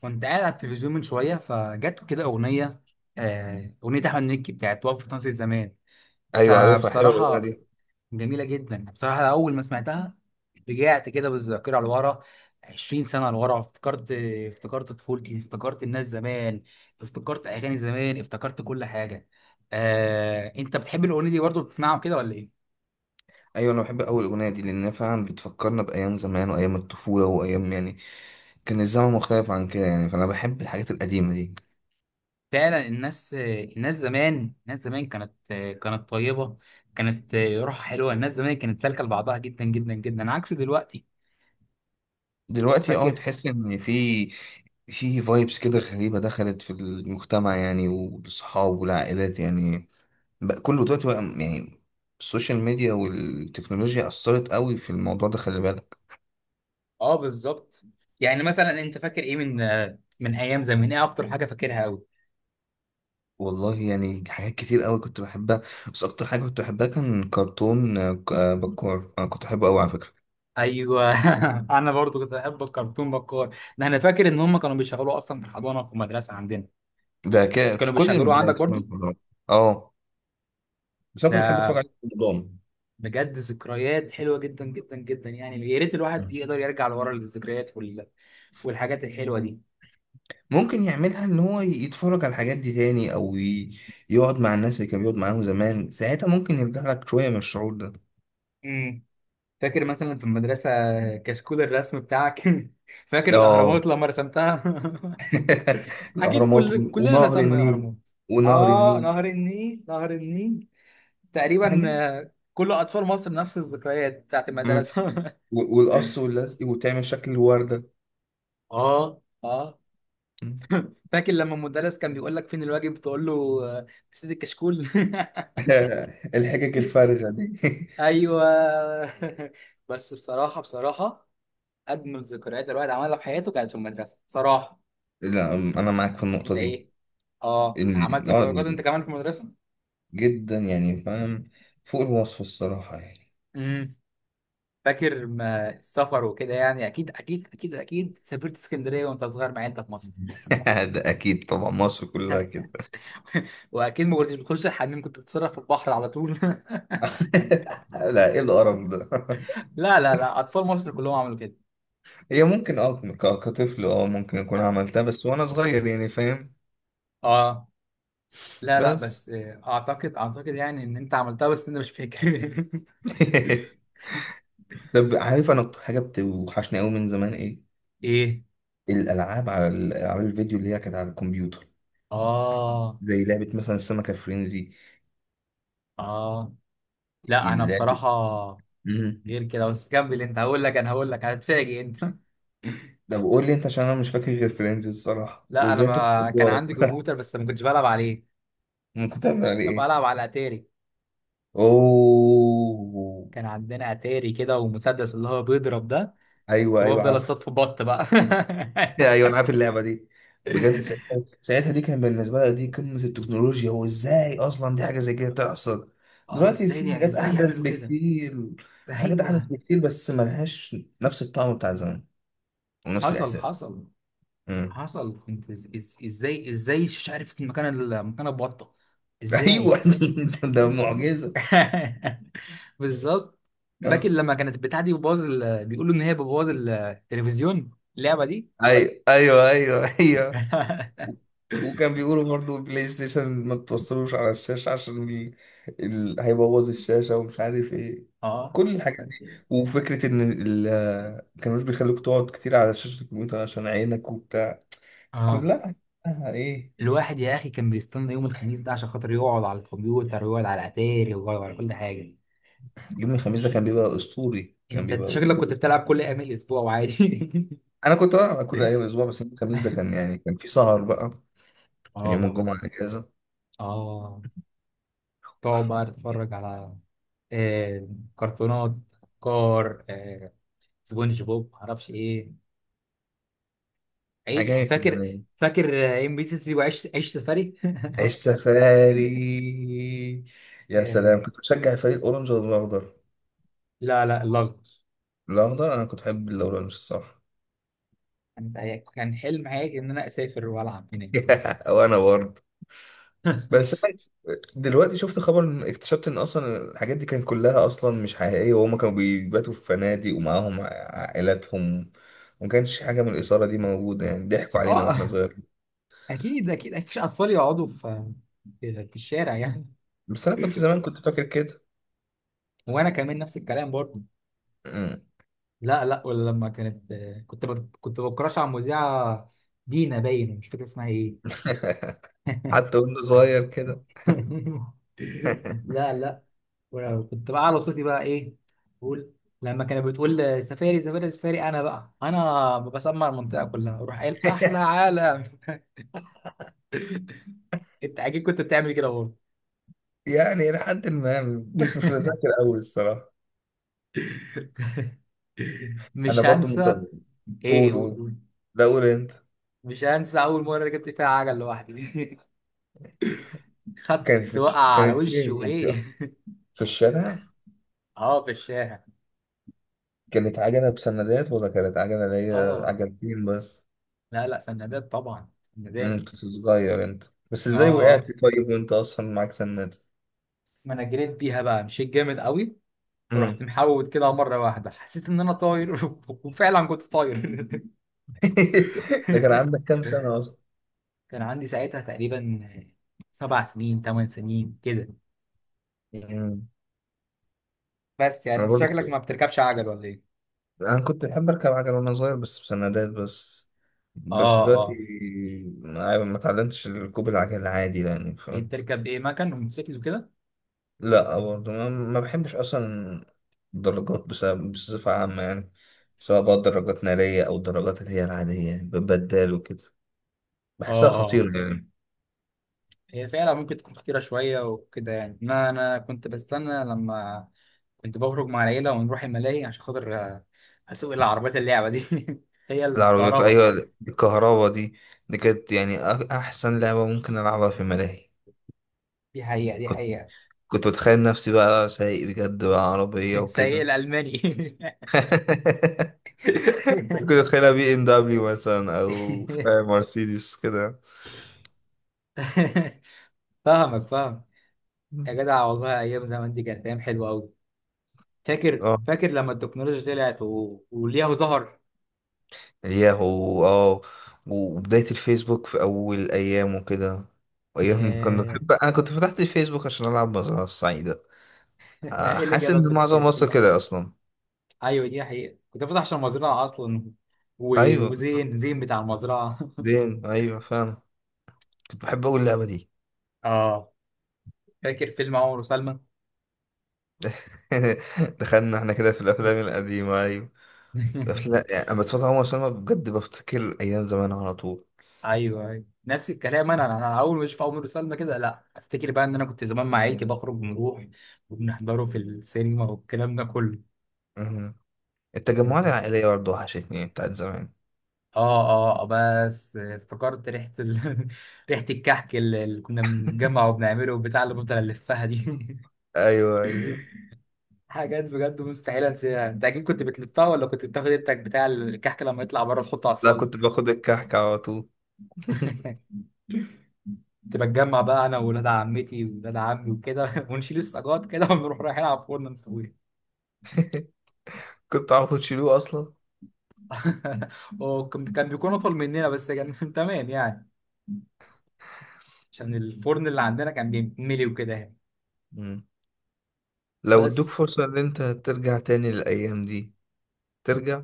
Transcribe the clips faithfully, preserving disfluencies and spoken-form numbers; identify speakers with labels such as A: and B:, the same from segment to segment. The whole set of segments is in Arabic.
A: كنت قاعد على التلفزيون من شويه فجت كده اغنيه. آه، اغنيه احمد مكي بتاعت وقفه ناصية زمان.
B: ايوه، عارفها حلوه الاغنيه
A: فبصراحه
B: دي.
A: جميله جدا، بصراحه اول ما سمعتها رجعت كده بالذاكره لورا عشرين سنه لورا. افتكرت افتكرت طفولتي، افتكرت الناس زمان، افتكرت اغاني زمان، افتكرت كل حاجه. آه، انت بتحب الاغنيه دي برضه، بتسمعها كده ولا ايه؟
B: ايوه انا بحب اول الاغنيه دي لان فعلا بتفكرنا بايام زمان وايام الطفوله وايام يعني كان الزمن مختلف عن كده يعني، فانا بحب الحاجات القديمه دي.
A: فعلا الناس الناس زمان، الناس زمان كانت كانت طيبة، كانت روحها حلوة. الناس زمان كانت سالكة لبعضها جدا جدا جدا، عكس دلوقتي.
B: دلوقتي اه
A: فاكر.
B: تحس ان في في فايبس كده غريبه دخلت في المجتمع يعني، والصحاب والعائلات يعني بقى كله دلوقتي بقى يعني السوشيال ميديا والتكنولوجيا اثرت قوي في الموضوع ده، خلي بالك.
A: اه بالظبط. يعني مثلا انت فاكر ايه من من ايام زمان؟ ايه اكتر حاجة فاكرها قوي؟
B: والله يعني حاجات كتير قوي كنت بحبها، بس اكتر حاجه كنت بحبها كان كرتون آه، ك- آه، بكار. انا كنت بحبه قوي على فكره.
A: ايوه. انا برضو كنت بحب الكرتون بكار ده. انا فاكر ان هم كانوا بيشغلوه اصلا في الحضانة، في المدرسة عندنا.
B: ده ك... في
A: كانوا
B: كل
A: بيشغلوه
B: المدارس،
A: عندك
B: في كل
A: برضو.
B: المحاضرات. اه. بس انا كنت بحب اتفرج
A: ده
B: عليه بنظام.
A: بجد ذكريات حلوة جدا جدا جدا، يعني يا ريت الواحد يقدر يرجع لورا للذكريات وال... والحاجات الحلوة دي.
B: ممكن يعملها ان هو يتفرج على الحاجات دي تاني او ي... يقعد مع الناس اللي كان بيقعد معاهم زمان، ساعتها ممكن يرجع لك شويه من الشعور ده.
A: امم. فاكر مثلا في المدرسة كشكول الرسم بتاعك. فاكر
B: اه.
A: الأهرامات لما رسمتها. أكيد
B: الاهرامات
A: كل
B: ون-
A: كلنا
B: ونهر
A: رسمنا
B: النيل.
A: الأهرامات.
B: ونهر
A: آه،
B: النيل.
A: نهر النيل، نهر النيل. تقريبا
B: حاجات.
A: آه، كل أطفال مصر نفس الذكريات بتاعت
B: مم.
A: المدرسة.
B: و- والقص واللزق وتعمل شكل الورده.
A: اه. آه.
B: مم.
A: فاكر لما المدرس كان بيقول لك فين الواجب، تقول له آه، في سيد الكشكول.
B: الحجج الفارغه دي.
A: أيوه. بس بصراحة بصراحة أجمل ذكريات الواحد عملها في حياته كانت في المدرسة، بصراحة.
B: لا انا معاك في
A: أنت
B: النقطه دي.
A: إيه؟ اه، عملت
B: إن- اه،
A: صداقات انت كمان في المدرسه.
B: جدا يعني فاهم، فوق الوصف الصراحة يعني.
A: امم. فاكر ما السفر وكده؟ يعني اكيد اكيد اكيد اكيد سافرت اسكندريه وانت صغير، مع انت في مصر.
B: ده اكيد طبعا، مصر كلها كده.
A: واكيد ما كنتش بتخش الحمام، كنت بتتصرف في البحر على طول.
B: لا، ايه القرف ده؟
A: لا لا لا، اطفال مصر كلهم عملوا كده.
B: هي ممكن اه، ك- كطفل اه ممكن اكون عملتها، بس وانا صغير يعني فاهم.
A: اه. لا لا،
B: بس
A: بس آه، اعتقد اعتقد يعني ان انت عملتها، بس انت مش فاكر.
B: طب عارف انا اكتر حاجة بتوحشني قوي من زمان ايه؟
A: ايه.
B: الالعاب، على العاب الفيديو اللي هي كانت على الكمبيوتر.
A: اه
B: زي لعبة مثلا السمكة فرينزي.
A: اه. لا انا
B: اللعبة
A: بصراحه
B: مم.
A: غير كده، بس كمل انت هقول لك، انا هقول لك هتفاجئ انت.
B: طب قول لي انت، عشان انا مش فاكر غير فرينزي الصراحة
A: لا انا
B: وازاي تخنق
A: ما كان عندي
B: جارك.
A: كمبيوتر، بس ما كنتش بلعب عليه.
B: ممكن تعمل عليه
A: طب
B: ايه؟
A: العب على اتاري.
B: اوه.
A: كان عندنا اتاري كده ومسدس اللي هو بيضرب ده.
B: ايوه
A: طب
B: ايوه
A: افضل
B: عارف.
A: اصطاد في بط بقى.
B: ايوه انا عارف اللعبه دي. بجد ساعتها، ساعتها دي كان بالنسبه لها دي قمه التكنولوجيا، وازاي اصلا دي حاجه زي كده تحصل؟
A: اه،
B: دلوقتي
A: ازاي
B: في
A: دي؟
B: حاجات
A: ازاي
B: احدث
A: يعملوا كده؟
B: بكتير. في حاجات احدث
A: ايوه.
B: بكتير بس ملهاش نفس الطعم بتاع زمان ونفس
A: حصل
B: الاحساس.
A: حصل
B: امم.
A: حصل. كنت، إز- إز- ازاي ازاي مش عارف مكان ال- مكان البطه، ازاي.
B: ايوه. ده ده معجزه.
A: بالظبط. فاكر
B: آه.
A: لما كانت البتاعه دي بتبوظ ال- بيقولوا ان هي بتبوظ التلفزيون، اللعبه دي.
B: ايوه ايوه ايوه ايوه. وكان بيقولوا برضو بلاي ستيشن ما توصلوش على الشاشة عشان ال... ال... هيبوظ الشاشة ومش عارف ايه،
A: اه
B: كل الحاجات دي. وفكرة ان ال... ما كانوش بيخلوك تقعد كتير على شاشة الكمبيوتر عشان عينك وبتاع،
A: اه.
B: كلها كلها ايه.
A: الواحد يا اخي كان بيستنى يوم الخميس ده، عشان خاطر يقعد على الكمبيوتر، ويقعد على اتاري، ويقعد على كل حاجه.
B: يوم الخميس ده كان بيبقى اسطوري، كان
A: انت
B: بيبقى
A: شكلك كنت
B: اسطوري.
A: بتلعب كل ايام الاسبوع وعادي.
B: انا كنت بلعب كل ايام الاسبوع، بس يوم الخميس ده كان يعني كان في سهر بقى عشان يوم
A: اه
B: الجمعة اجازة.
A: اه. تقعد بقى تتفرج على آه كرتونات، كار آه سبونج بوب، معرفش ايه. عيد
B: حاجات
A: فاكر؟
B: يعني.
A: فاكر آه، ام بي سي تري وعيش عيش سفاري.
B: السفاري، يا
A: آه،
B: سلام. كنت بشجع فريق اورنج ولا الاخضر؟
A: لا لا، الاخضر.
B: الاخضر. انا كنت بحب الاورنج الصراحه.
A: كان كان حلم حياتي ان انا اسافر والعب هناك.
B: وانا برضه. بس أنا دلوقتي شفت خبر إن- اكتشفت ان اصلا الحاجات دي كانت كلها اصلا مش حقيقيه، وهم كانوا بيباتوا في فنادق ومعاهم عائلاتهم، وما كانش حاجه من الاثاره دي موجوده يعني. ضحكوا علينا واحنا
A: اه،
B: صغيرين.
A: اكيد اكيد مفيش اطفال يقعدوا في في في الشارع يعني.
B: بس انا كنت زمان كنت فاكر كده.
A: وانا كمان نفس الكلام برضه.
B: مم.
A: لا لا، ولا لما كانت، كنت بت- كنت بكراش على المذيعه دينا، باين مش فاكر اسمها ايه.
B: حتى وانا صغير كده.
A: لا لا. وأنا كنت بقى على صوتي بقى، ايه بقول، لما كانت بتقول سفاري سفاري سفاري، انا بقى انا بسمع المنطقه كلها، اروح قايل احلى عالم. انت اكيد كنت بتعمل كده برضه.
B: يعني لحد ما، بس مش متذكر قوي الصراحه. انا
A: مش
B: برضو
A: هنسى.
B: مكرر.
A: ايه؟
B: قول قول.
A: قول.
B: لا، قول انت.
A: مش هنسى اول مره جبت فيها عجل لوحدي.
B: كانت
A: خدت
B: في
A: وقع
B: الش-
A: على
B: كانت
A: وشي
B: فين يعني،
A: وايه.
B: في الشارع؟
A: اه، في الشارع.
B: كانت عجلة بسندات ولا كانت عجلة اللي هي
A: اه،
B: عجلتين بس؟
A: لا لا، سندات طبعا،
B: امم،
A: سندات.
B: كنت صغير انت. بس
A: اه
B: ازاي
A: اه.
B: وقعت طيب وانت اصلا معاك سندات؟
A: ما انا جريت بيها بقى، مشيت جامد قوي، ورحت
B: امم.
A: محوت كده مره واحده، حسيت ان انا طاير. وفعلا كنت طاير.
B: ده كان عندك كام سنة اصلا؟
A: كان عندي ساعتها تقريبا سبع سنين، ثمان سنين كده.
B: امم.
A: بس يعني
B: انا
A: انت
B: برضو كنت،
A: شكلك ما بتركبش عجل ولا ايه؟
B: انا كنت بحب اركب عجلة وانا صغير، بس بسندات بس. بس
A: اه
B: دلوقتي
A: اه.
B: ما ما اتعلمتش ركوب العجل عادي يعني
A: ايه
B: فاهم.
A: بتركب؟ ايه مكن وموتوسيكل وكده؟
B: لا برضه ما ما بحبش اصلا درجات بسبب بصفة عامة يعني. سواء بقى درجات نارية أو الدرجات اللي هي العادية يعني ببدال وكده،
A: اه
B: بحسها
A: اه.
B: خطيرة يعني.
A: هي فعلا ممكن تكون خطيرة شوية وكده يعني. أنا أنا كنت بستنى لما كنت بخرج مع العيلة ونروح الملاهي عشان خاطر آه، أسوق العربيات، اللعبة دي. هي
B: العربيات
A: الكهرباء.
B: أيوة، الكهرباء دي دي كانت يعني أ- أحسن لعبة ممكن ألعبها في ملاهي.
A: دي حقيقة، دي
B: كنت
A: حقيقة.
B: كنت بتخيل نفسي بقى سايق بجد بقى عربية
A: سيء
B: وكده.
A: الألماني.
B: كنت أتخيلها بي إم دبليو مثلا أو فاهم مرسيدس كده.
A: فاهمك، فاهم. يا جدع والله أيام زمان دي كانت أيام حلوة أوي. فاكر
B: اه.
A: فاكر لما التكنولوجيا طلعت و... ولياهو ظهر.
B: ياهو، اه. وبداية الفيسبوك في أول أيام وكده. أيام كنا
A: ياه.
B: بحب، أنا كنت فتحت الفيسبوك عشان ألعب مزرعة السعيدة. آه،
A: إيه اللي
B: حاسس
A: جابك
B: إن
A: في الحاجات
B: معظم
A: دي
B: مصر
A: كلها؟
B: كده أصلا.
A: ايوه دي حقيقة، كنت فاتح عشان المزرعة اصلا و...
B: أيوة كنت،
A: وزين، زين بتاع المزرعة.
B: دين أيوة فاهم. كنت بحب أقول اللعبة دي.
A: اه. فاكر فيلم عمر وسلمى؟
B: دخلنا احنا كده في الأفلام القديمة أيوة. أفلام يعني أما بتفرج على عمر سلمى بجد بفتكر أيام زمان على طول.
A: ايوه ايوه، نفس الكلام. انا انا اول ما اشوف عمر وسلمى كده، لا افتكر بقى ان انا كنت زمان مع عيلتي بخرج ونروح، وبنحضره في السينما، والكلام ده كله.
B: مهم. التجمعات
A: أنا-
B: العائلية برضه وحشتني بتاعت زمان.
A: اه اه، بس افتكرت ريحة ال... ريحة الكحك، اللي اللي كنا بنجمع وبنعمله، بتاع اللي بفضل الفها دي.
B: أيوة أيوة.
A: حاجات بجد مستحيل انساها. انت اكيد كنت بتلفها، ولا كنت بتاخد التك بتاع الكحك لما يطلع بره تحطه على
B: لا
A: الصاج.
B: كنت باخد الكحك على طول.
A: كنت بتجمع بقى انا وولاد عمتي وولاد عمي وكده، ونشيل السجاد كده، ونروح رايحين على الفرن نسويها.
B: كنت عارف تشيلوه أصلا؟
A: وكان كان بيكون اطول مننا، بس كان تمام يعني، عشان الفرن اللي عندنا كان بيتملي وكده يعني.
B: مم. لو ادوك
A: بس
B: فرصة ان انت ترجع تاني للأيام دي، ترجع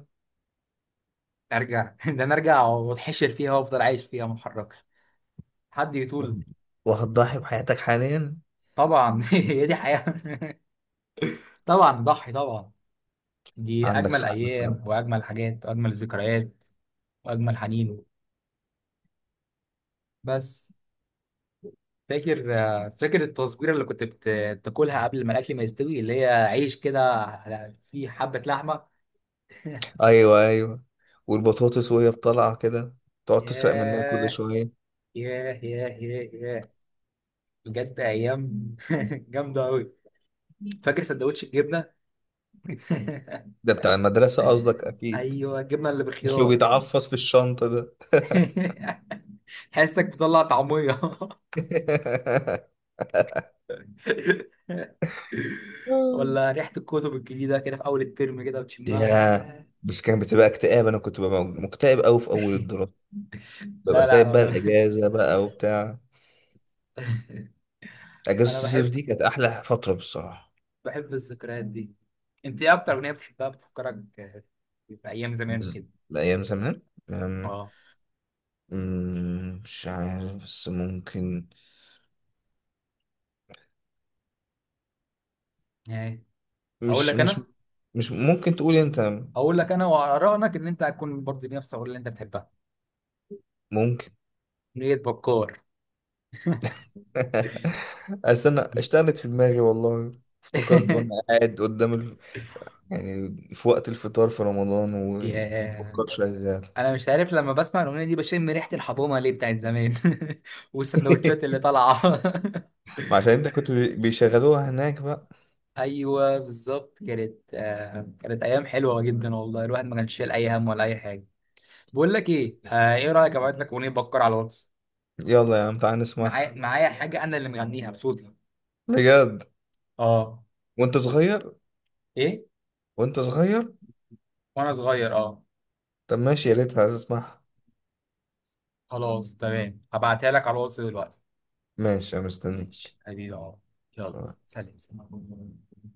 A: ارجع. ده انا ارجع واتحشر فيها وافضل عايش فيها ما اتحركش، حد يطول.
B: وهتضحي بحياتك حاليا؟
A: طبعا. هي دي حياة. طبعا ضحي طبعا. دي
B: عندك
A: أجمل
B: حق
A: أيام،
B: فعلا.
A: وأجمل حاجات، وأجمل ذكريات، وأجمل حنين. بس فاكر آه، فاكر التصويرة اللي كنت بت- بتاكلها قبل ما الأكل ما يستوي، اللي هي عيش كده على- فيه حبة لحمة.
B: ايوه ايوه. والبطاطس وهي بطلعة كده تقعد تسرق منها كل
A: ياه
B: شوية.
A: ياه ياه ياه ياه. بجد أيام جامدة أوي. فاكر سندوتش الجبنة؟
B: ده بتاع المدرسة قصدك اكيد.
A: أيوه الجبنة اللي
B: اللي
A: بخيار.
B: بيتعفص في الشنطة ده.
A: حاسك بتطلع طعمية. ولا ريحة الكتب الجديدة كده في أول الترم كده بتشمها،
B: يا.
A: ياه.
B: بس كان بتبقى اكتئاب، انا كنت ببقى مكتئب قوي في اول الدراسة، ببقى
A: لا لا،
B: سايب
A: انا
B: بقى
A: ب...
B: الاجازة بقى وبتاع.
A: انا
B: اجازة الصيف
A: بحب
B: دي كانت احلى فترة بالصراحة.
A: بحب الذكريات دي. انت ايه اكتر اغنيه بتحبها بتفكرك بايام زمان
B: بز-
A: وكده؟
B: ايام زمان. أم،
A: اه
B: أم، مش عارف بس ممكن،
A: يعني. اقول
B: مش
A: لك
B: مش
A: انا
B: مش ممكن تقولي انت؟
A: اقول لك انا وارائك ان انت هتكون برضه نفس الاغنيه اللي انت بتحبها،
B: ممكن.
A: اغنيه بكار.
B: استنى اشتغلت في دماغي والله. افتكرت وانا قاعد قدام ال... يعني في وقت الفطار في رمضان،
A: يا.
B: وفكر شغال.
A: انا مش عارف لما بسمع الاغنيه دي بشم ريحه الحضانه ليه بتاعت زمان. والسندوتشات اللي طالعه.
B: ما عشان انت كنت بي- بيشغلوها هناك بقى.
A: ايوه بالظبط. كانت آه، كانت ايام حلوه جدا والله، الواحد ما كانش شايل اي هم ولا اي حاجه. بقول لك ايه، آه ايه رايك ابعت لك اغنيه بكر على الواتس؟
B: يلا يا عم تعال
A: معايا
B: نسمعها.
A: معايا حاجه انا اللي مغنيها بصوتي.
B: بجد
A: اه.
B: وانت صغير؟
A: ايه
B: وانت صغير؟
A: وانا صغير اه.
B: طب ماشي، يا ريت عايز اسمعها.
A: خلاص تمام، هبعتها لك على الواتس دلوقتي.
B: ماشي، انا
A: ماشي
B: مستنيك.
A: حبيبي اه. يلا، سلام سلام.